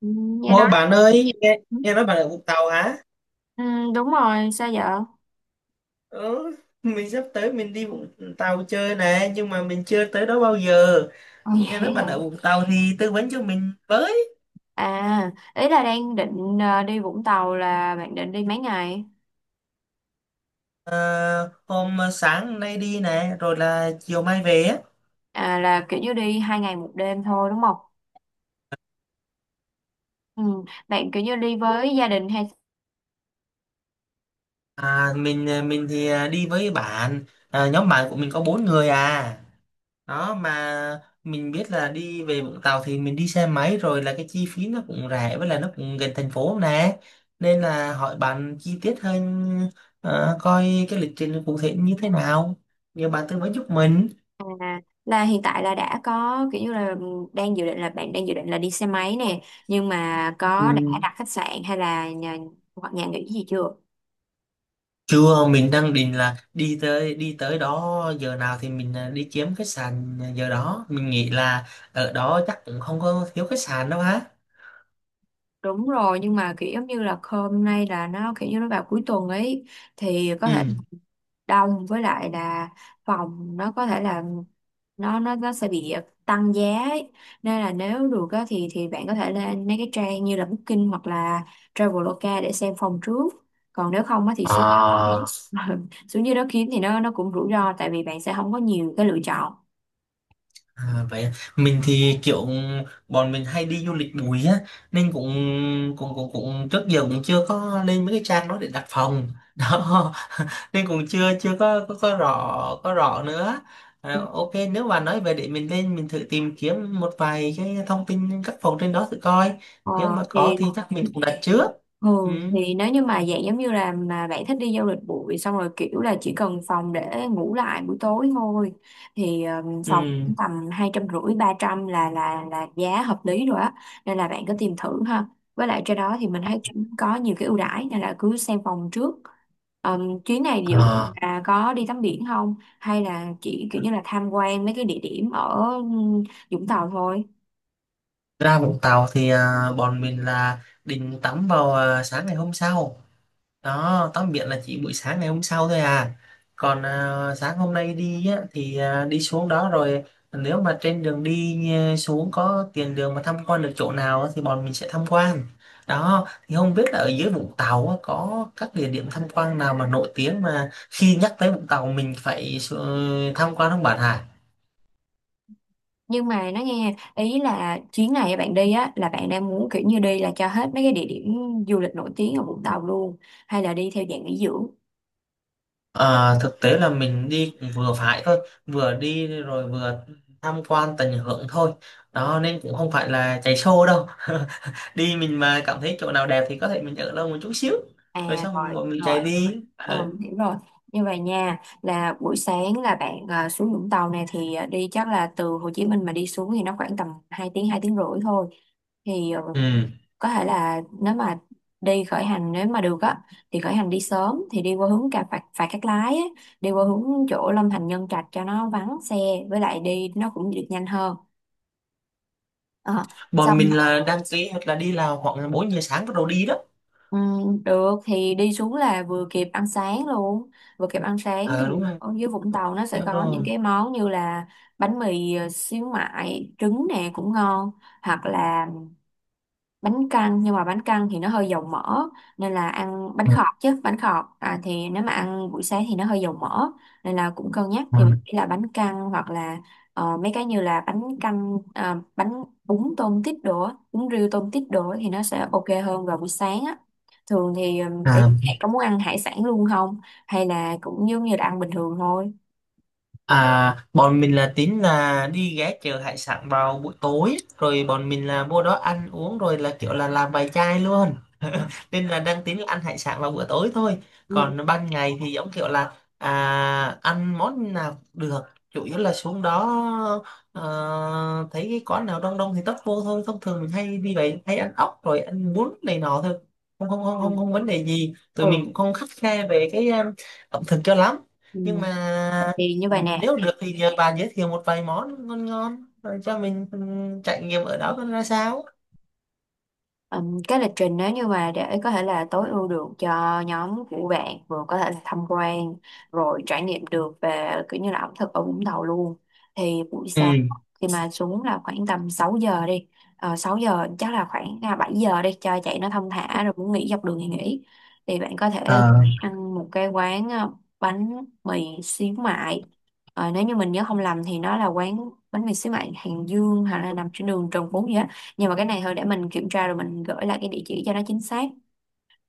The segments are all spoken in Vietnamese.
Ừ, nghe nói Ủa bạn ơi, nghe nói bạn ở Vũng Tàu hả? ừ, đúng rồi. Sao vậy? Ồ, Ừ, mình sắp tới mình đi Vũng Tàu chơi nè, nhưng mà mình chưa tới đó bao giờ. vậy Nghe hả? nói bạn ở Vũng Tàu thì tư vấn cho mình với. À, ý là đang định đi Vũng Tàu là bạn định đi mấy ngày? Ờ, hôm sáng nay đi nè, rồi là chiều mai về á. À, là kiểu như đi hai ngày một đêm thôi đúng không? Ừ, bạn kiểu như đi với gia đình hay? À, mình thì đi với bạn, nhóm bạn của mình có bốn người à. Đó mà mình biết là đi về Vũng Tàu thì mình đi xe máy rồi là cái chi phí nó cũng rẻ với là nó cũng gần thành phố nè, nên là hỏi bạn chi tiết hơn, coi cái lịch trình cụ thể như thế nào, nhờ bạn tư vấn giúp mình. À, là hiện tại là đã có kiểu như là đang dự định, là bạn đang dự định là đi xe máy nè, nhưng mà có đã Ừ. đặt khách sạn hay là nhà hoặc nhà nghỉ gì chưa? Chưa, mình đang định là đi tới đó giờ nào thì mình đi kiếm khách sạn giờ đó, mình nghĩ là ở đó chắc cũng không có thiếu khách sạn đâu ha. Đúng rồi, nhưng mà kiểu giống như là hôm nay là nó kiểu như nó vào cuối tuần ấy, thì có thể Ừ. đông, với lại là phòng nó có thể là nó sẽ bị tăng giá ấy. Nên là nếu được á, thì bạn có thể lên mấy cái trang như là Booking hoặc là Traveloka để xem phòng trước. Còn nếu không á, thì xuống À, xuống dưới đó kiếm thì nó cũng rủi ro, tại vì bạn sẽ không có nhiều cái lựa chọn. à, vậy à. Mình thì kiểu bọn mình hay đi du lịch bụi á, nên cũng cũng cũng cũng trước giờ cũng chưa có lên mấy cái trang đó để đặt phòng đó, nên cũng chưa chưa có có rõ nữa. Ừ. À, ok, nếu mà nói về để mình lên mình thử tìm kiếm một vài cái thông tin các phòng trên đó thử coi, nếu Ờ, mà có thì thì chắc mình cũng đặt trước. Ừ, Ừ, thì nếu như mà dạng giống như là mà bạn thích đi du lịch bụi xong rồi kiểu là chỉ cần phòng để ngủ lại buổi tối thôi, thì phòng ừ. tầm hai trăm rưỡi ba trăm là giá hợp lý rồi á. Nên là bạn cứ tìm thử ha, với lại trên đó thì mình thấy cũng có nhiều cái ưu đãi, nên là cứ xem phòng trước. Chuyến này dự định À, là có đi tắm biển không, hay là chỉ kiểu như là tham quan mấy cái địa điểm ở Vũng Tàu thôi? ra Vũng Tàu thì bọn mình là định tắm vào sáng ngày hôm sau đó, tắm biển là chỉ buổi sáng ngày hôm sau thôi à. Còn sáng hôm nay đi á, thì đi xuống đó rồi nếu mà trên đường đi xuống có tiền đường mà tham quan được chỗ nào á, thì bọn mình sẽ tham quan. Đó thì không biết là ở dưới Vũng Tàu á, có các địa điểm tham quan nào mà nổi tiếng mà khi nhắc tới Vũng Tàu mình phải tham quan không bạn hả? Nhưng mà nó nghe ý là chuyến này bạn đi á là bạn đang muốn kiểu như đi là cho hết mấy cái địa điểm du lịch nổi tiếng ở Vũng Tàu luôn, hay là đi theo dạng nghỉ dưỡng? À, thực tế là mình đi cũng vừa phải thôi, vừa đi rồi vừa tham quan tận hưởng thôi, đó nên cũng không phải là chạy show đâu. Đi mình mà cảm thấy chỗ nào đẹp thì có thể mình ở lâu một chút xíu rồi À, xong rồi bọn mình rồi. chạy đi. Ờ, Ờ. hiểu rồi. Như vậy nha, là buổi sáng là bạn à, xuống Vũng Tàu này thì à, đi chắc là từ Hồ Chí Minh mà đi xuống thì nó khoảng tầm 2 tiếng rưỡi thôi. Thì Ừ. có thể là nếu mà đi khởi hành nếu mà được á, thì khởi hành đi sớm thì đi qua hướng cà phạt phạt Cát Lái á, đi qua hướng chỗ Long Thành Nhân Trạch cho nó vắng xe, với lại đi nó cũng được nhanh hơn. Ờ, Bọn xong mình là đăng ký hoặc là đi là khoảng 4 giờ sáng bắt đầu đi đó. Được thì đi xuống là vừa kịp ăn sáng luôn, vừa kịp ăn sáng thì Ờ, đúng rồi. ở dưới Vũng Tàu nó sẽ Đúng có những rồi. cái món như là bánh mì xíu mại trứng nè cũng ngon, hoặc là bánh căn, nhưng mà bánh căn thì nó hơi dầu mỡ, nên là ăn bánh khọt. Chứ bánh khọt à, thì nếu mà ăn buổi sáng thì nó hơi dầu mỡ, nên là cũng cân nhắc. Ừ. Thì mình nghĩ là bánh căn hoặc là ờ, mấy cái như là bánh canh à, bún tôm tít đồ á, bún riêu tôm tít đồ á thì nó sẽ ok hơn vào buổi sáng á. Thường thì để À, bạn có muốn ăn hải sản luôn không, hay là cũng giống như là ăn bình thường thôi? à, bọn mình là tính là đi ghé chợ hải sản vào buổi tối rồi bọn mình là vô đó ăn uống rồi là kiểu là làm bài chai luôn, nên là đang tính là ăn hải sản vào bữa tối thôi. Ừ Còn ban ngày thì giống kiểu là ăn món nào cũng được, chủ yếu là xuống đó, ờ, thấy cái quán nào đông đông thì tấp vô thôi. Thông thường mình hay đi vậy, hay ăn ốc rồi ăn bún này nọ thôi. Không, không, không, ừ không, không vấn đề gì, tụi mình ừ. cũng không khắt khe về cái ẩm thực cho lắm. Ừ. Nhưng mà Thì như vậy nè. nếu được thì nhờ bà giới thiệu một vài món ngon ngon rồi cho mình trải nghiệm ở đó coi ra sao. Cái lịch trình nếu như mà để có thể là tối ưu được cho nhóm của bạn, vừa có thể là tham quan rồi trải nghiệm được về kiểu như là ẩm thực ở Vũng Tàu luôn, thì buổi Ừ. sáng khi mà xuống là khoảng tầm 6 giờ đi, 6 giờ chắc là khoảng à, 7 giờ đi cho chạy nó thong thả, rồi muốn nghỉ dọc đường thì nghỉ. Thì bạn có thể Ờ. ăn một cái quán bánh mì xíu mại. Ờ, nếu như mình nhớ không lầm thì nó là quán bánh mì xíu mại Hàng Dương, hay là nằm trên đường Trần Phú gì á, nhưng mà cái này thôi để mình kiểm tra rồi mình gửi lại cái địa chỉ cho nó chính xác.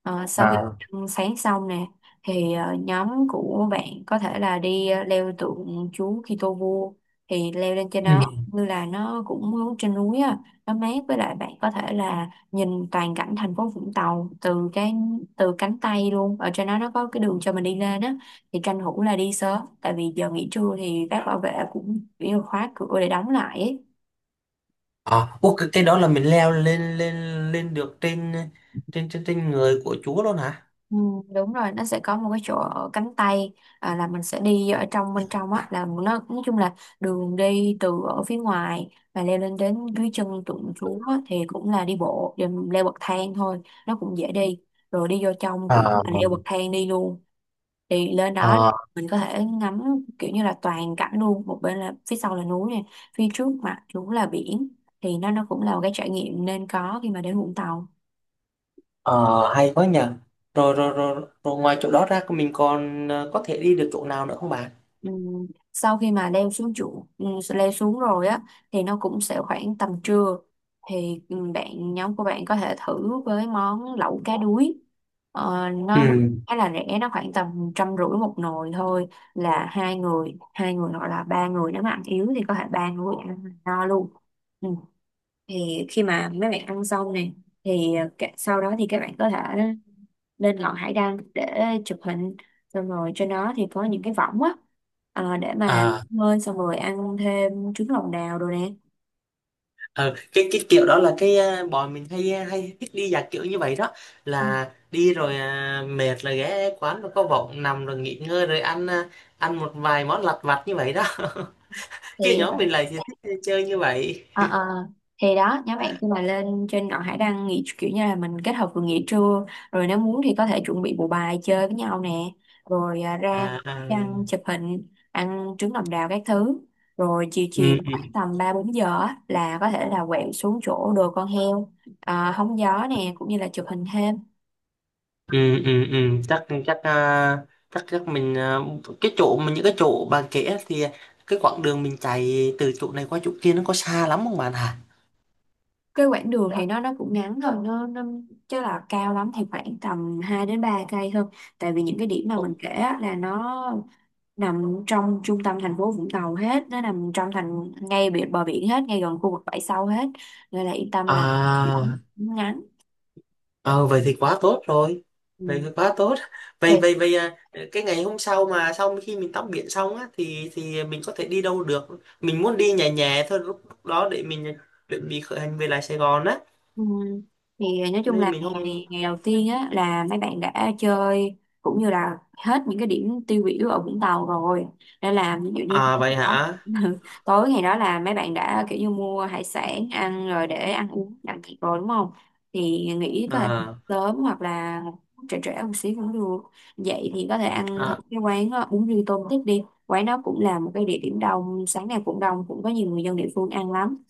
Ờ, sau khi À. ăn sáng xong nè, thì nhóm của bạn có thể là đi leo tượng chú Kitô vua. Thì leo lên trên đó Ừ. như là nó cũng trên núi á, nó mát, với lại bạn có thể là nhìn toàn cảnh thành phố Vũng Tàu từ cái từ cánh tay luôn. Ở trên đó nó có cái đường cho mình đi lên á, thì tranh thủ là đi sớm, tại vì giờ nghỉ trưa thì các bảo vệ cũng kiểu khóa cửa để đóng lại ấy. À, ô, cái đó là mình leo lên lên lên được trên trên trên trên người của Chúa luôn hả? Ừ, đúng rồi, nó sẽ có một cái chỗ ở cánh tay. À, là mình sẽ đi ở trong bên trong á, là nó nói chung là đường đi từ ở phía ngoài và leo lên đến dưới chân tượng Chúa á, thì cũng là đi bộ rồi mình leo bậc thang thôi, nó cũng dễ đi. Rồi đi vô trong cũng À. là leo bậc thang đi luôn, thì lên đó Ờ, mình có thể ngắm kiểu như là toàn cảnh luôn, một bên là phía sau là núi nè, phía trước mặt chúng là biển, thì nó cũng là một cái trải nghiệm nên có khi mà đến Vũng Tàu. ờ, hay quá nhỉ. Rồi, rồi, rồi, rồi, ngoài chỗ đó ra mình còn có thể đi được chỗ nào nữa không bạn? Ừ, sau khi mà leo xuống trụ, ừ, leo xuống rồi á, thì nó cũng sẽ khoảng tầm trưa, thì ừ, bạn nhóm của bạn có thể thử với món lẩu cá đuối. Ờ, Ừ. nó khá là rẻ, nó khoảng tầm trăm rưỡi một nồi thôi, là hai người hoặc là ba người, nếu mà ăn yếu thì có thể ba người ăn no luôn. Ừ, thì khi mà mấy bạn ăn xong này, thì sau đó thì các bạn có thể lên ngọn hải đăng để chụp hình, xong rồi trên đó thì có những cái võng á, để mà À, bơi, xong rồi ăn thêm trứng lòng đào rồi nè. ờ, cái kiểu đó là cái, bọn mình hay thích đi dạng kiểu như vậy đó, Ừ. là đi rồi mệt là ghé quán rồi có võng nằm rồi nghỉ ngơi rồi ăn, ăn một vài món lặt vặt như vậy đó. Thì Cái nhóm mình lại thì thích chơi như vậy. Ờ ờ, thì đó, nhóm bạn khi mà lên trên ngọn hải đăng nghỉ kiểu như là mình kết hợp vừa nghỉ trưa, rồi nếu muốn thì có thể chuẩn bị bộ bài chơi với nhau nè, rồi ra À, à. đăng chụp hình, ăn trứng lòng đào các thứ, rồi chiều chiều Ừ, ừ, khoảng tầm ba bốn giờ á, là có thể là quẹo xuống chỗ đồi con heo, à, hóng gió nè, cũng như là chụp hình thêm. ừ, ừ, ừ. chắc chắc chắc chắc mình cái chỗ mình những cái chỗ bạn kể á thì cái quãng đường mình chạy từ chỗ này qua chỗ kia nó có xa lắm không bạn hả? Cái quãng đường thì nó cũng ngắn thôi, nó chắc là cao lắm thì khoảng tầm 2 đến 3 cây thôi, tại vì những cái điểm mà mình kể á, là nó nằm trong trung tâm thành phố Vũng Tàu hết, nó nằm trong thành ngay biển bờ biển hết, ngay gần khu vực bãi sau hết, nên là yên tâm là À. biển ngắn. Ờ, vậy thì quá tốt rồi, vậy thì quá tốt. Ừ. Vậy vậy vậy cái ngày hôm sau mà sau khi mình tắm biển xong á thì mình có thể đi đâu được? Mình muốn đi nhẹ nhẹ thôi, lúc lúc đó để mình chuẩn bị khởi hành về lại Sài Gòn á, Ừ. Thì nói chung nên là mình không... ngày ngày đầu tiên á là mấy bạn đã chơi cũng như là hết những cái điểm tiêu biểu ở Vũng Tàu rồi, nên là ví dụ như À, tối vậy đó hả? tối ngày đó là mấy bạn đã kiểu như mua hải sản ăn rồi, để ăn uống đặng thịt rồi đúng không? Thì nghĩ có thể À, sớm hoặc là trễ trễ một xíu cũng được. Vậy thì có thể ăn thật à, cái quán đó, bún riêu tôm tích. Đi quán đó cũng là một cái địa điểm đông, sáng nào cũng đông, cũng có nhiều người dân địa phương ăn lắm.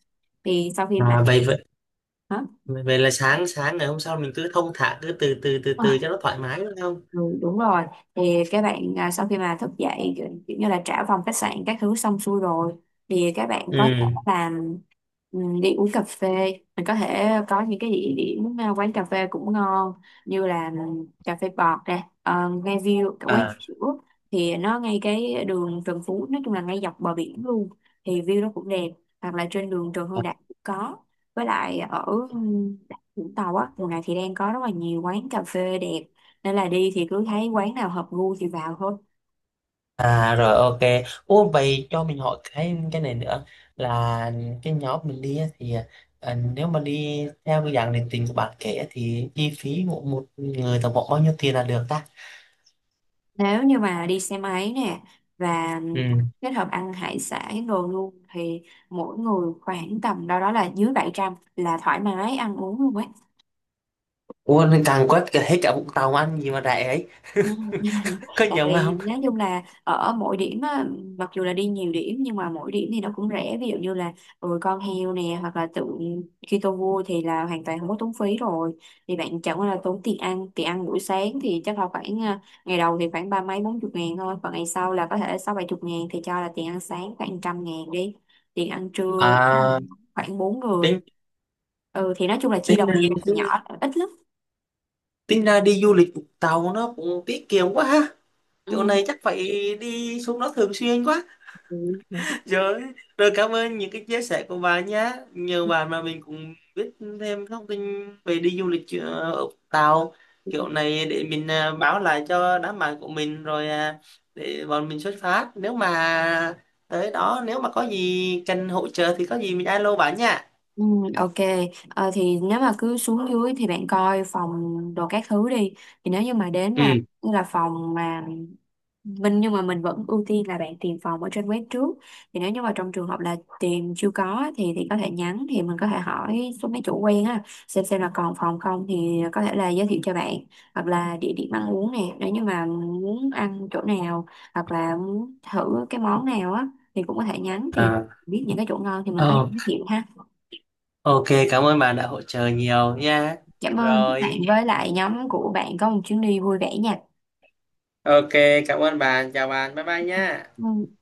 Thì sau khi mà à, vậy hả? Vậy Là sáng sáng ngày hôm sau mình cứ thong thả, cứ từ từ từ từ cho nó thoải mái đúng không? Ừ, đúng rồi, thì các bạn à, sau khi mà thức dậy kiểu kiểu như là trả phòng khách sạn các thứ xong xuôi rồi, thì các bạn có thể Ừ. làm đi uống cà phê. Mình có thể có những cái địa điểm à, quán cà phê cũng ngon, như là cà phê bọt nè, ờ, ngay view cả quán À, sữa, thì nó ngay cái đường Trần Phú, nói chung là ngay dọc bờ biển luôn, thì view nó cũng đẹp. Hoặc là trên đường Trần Hưng Đạo cũng có, với lại ở ừm, Vũng Tàu á mùa này thì đang có rất là nhiều quán cà phê đẹp, nên là đi thì cứ thấy quán nào hợp gu thì vào thôi. à rồi, ok. Ô, vậy cho mình hỏi cái này nữa, là cái nhóm mình đi á thì, nếu mà đi theo cái dạng định tình của bạn kể á thì chi phí một một người tổng cộng bao nhiêu tiền là được ta? Nếu như mà đi xe máy nè và Ừ. kết hợp ăn hải sản đồ luôn, thì mỗi người khoảng tầm đâu đó là dưới 700 là thoải mái ăn uống luôn ấy. Ủa nên càng quét cả hết cả Vũng Tàu ăn gì mà rẻ ấy. Ừ. Có Tại nhầm vì không? nói chung là ở mỗi điểm á, mặc dù là đi nhiều điểm nhưng mà mỗi điểm thì nó cũng rẻ, ví dụ như là ừ, con heo nè hoặc là tượng Kitô vua thì là hoàn toàn không có tốn phí rồi. Thì bạn chẳng qua là tốn tiền ăn. Tiền ăn buổi sáng thì chắc là khoảng à, ngày đầu thì khoảng ba mấy bốn chục ngàn thôi, còn ngày sau là có thể sáu bảy chục ngàn, thì cho là tiền ăn sáng khoảng trăm ngàn đi, tiền ăn trưa À, khoảng bốn người, tính ừ, thì nói chung là chia tính đầu thì tính nhỏ ít lắm. tính ra đi du lịch Vũng Tàu nó cũng tiết kiệm quá ha. Chỗ Ừ. này chắc phải đi xuống đó thường xuyên quá. Ừ. Rồi, rồi, cảm ơn những cái chia sẻ của bà nhé. Nhờ bà mà mình cũng biết thêm thông tin về đi du lịch, ở Tàu. Kiểu này để mình báo lại cho đám bạn của mình rồi, à, để bọn mình xuất phát. Nếu mà tới đó, nếu mà có gì cần hỗ trợ thì có gì mình alo bà nha. Ừ, ok. Ờ, thì nếu mà cứ xuống dưới thì bạn coi phòng đồ các thứ đi. Thì nếu như mà đến mà Ừ. như là phòng mà mình, nhưng mà mình vẫn ưu tiên là bạn tìm phòng ở trên web trước. Thì nếu như mà trong trường hợp là tìm chưa có, thì có thể nhắn thì mình có thể hỏi số mấy chủ quen á, xem là còn phòng không thì có thể là giới thiệu cho bạn. Hoặc là địa điểm ăn uống nè, nếu như mà muốn ăn chỗ nào hoặc là muốn thử cái món nào á, thì cũng có thể nhắn, thì À, biết những cái chỗ ngon thì mình có thể ờ, giới thiệu ha. ok, cảm ơn bạn đã hỗ trợ nhiều nha. Cảm ơn các Rồi. bạn, với lại nhóm của bạn có một chuyến đi vui vẻ nha. Ok, cảm ơn bạn. Chào bạn. Bye bye nha. Ừ.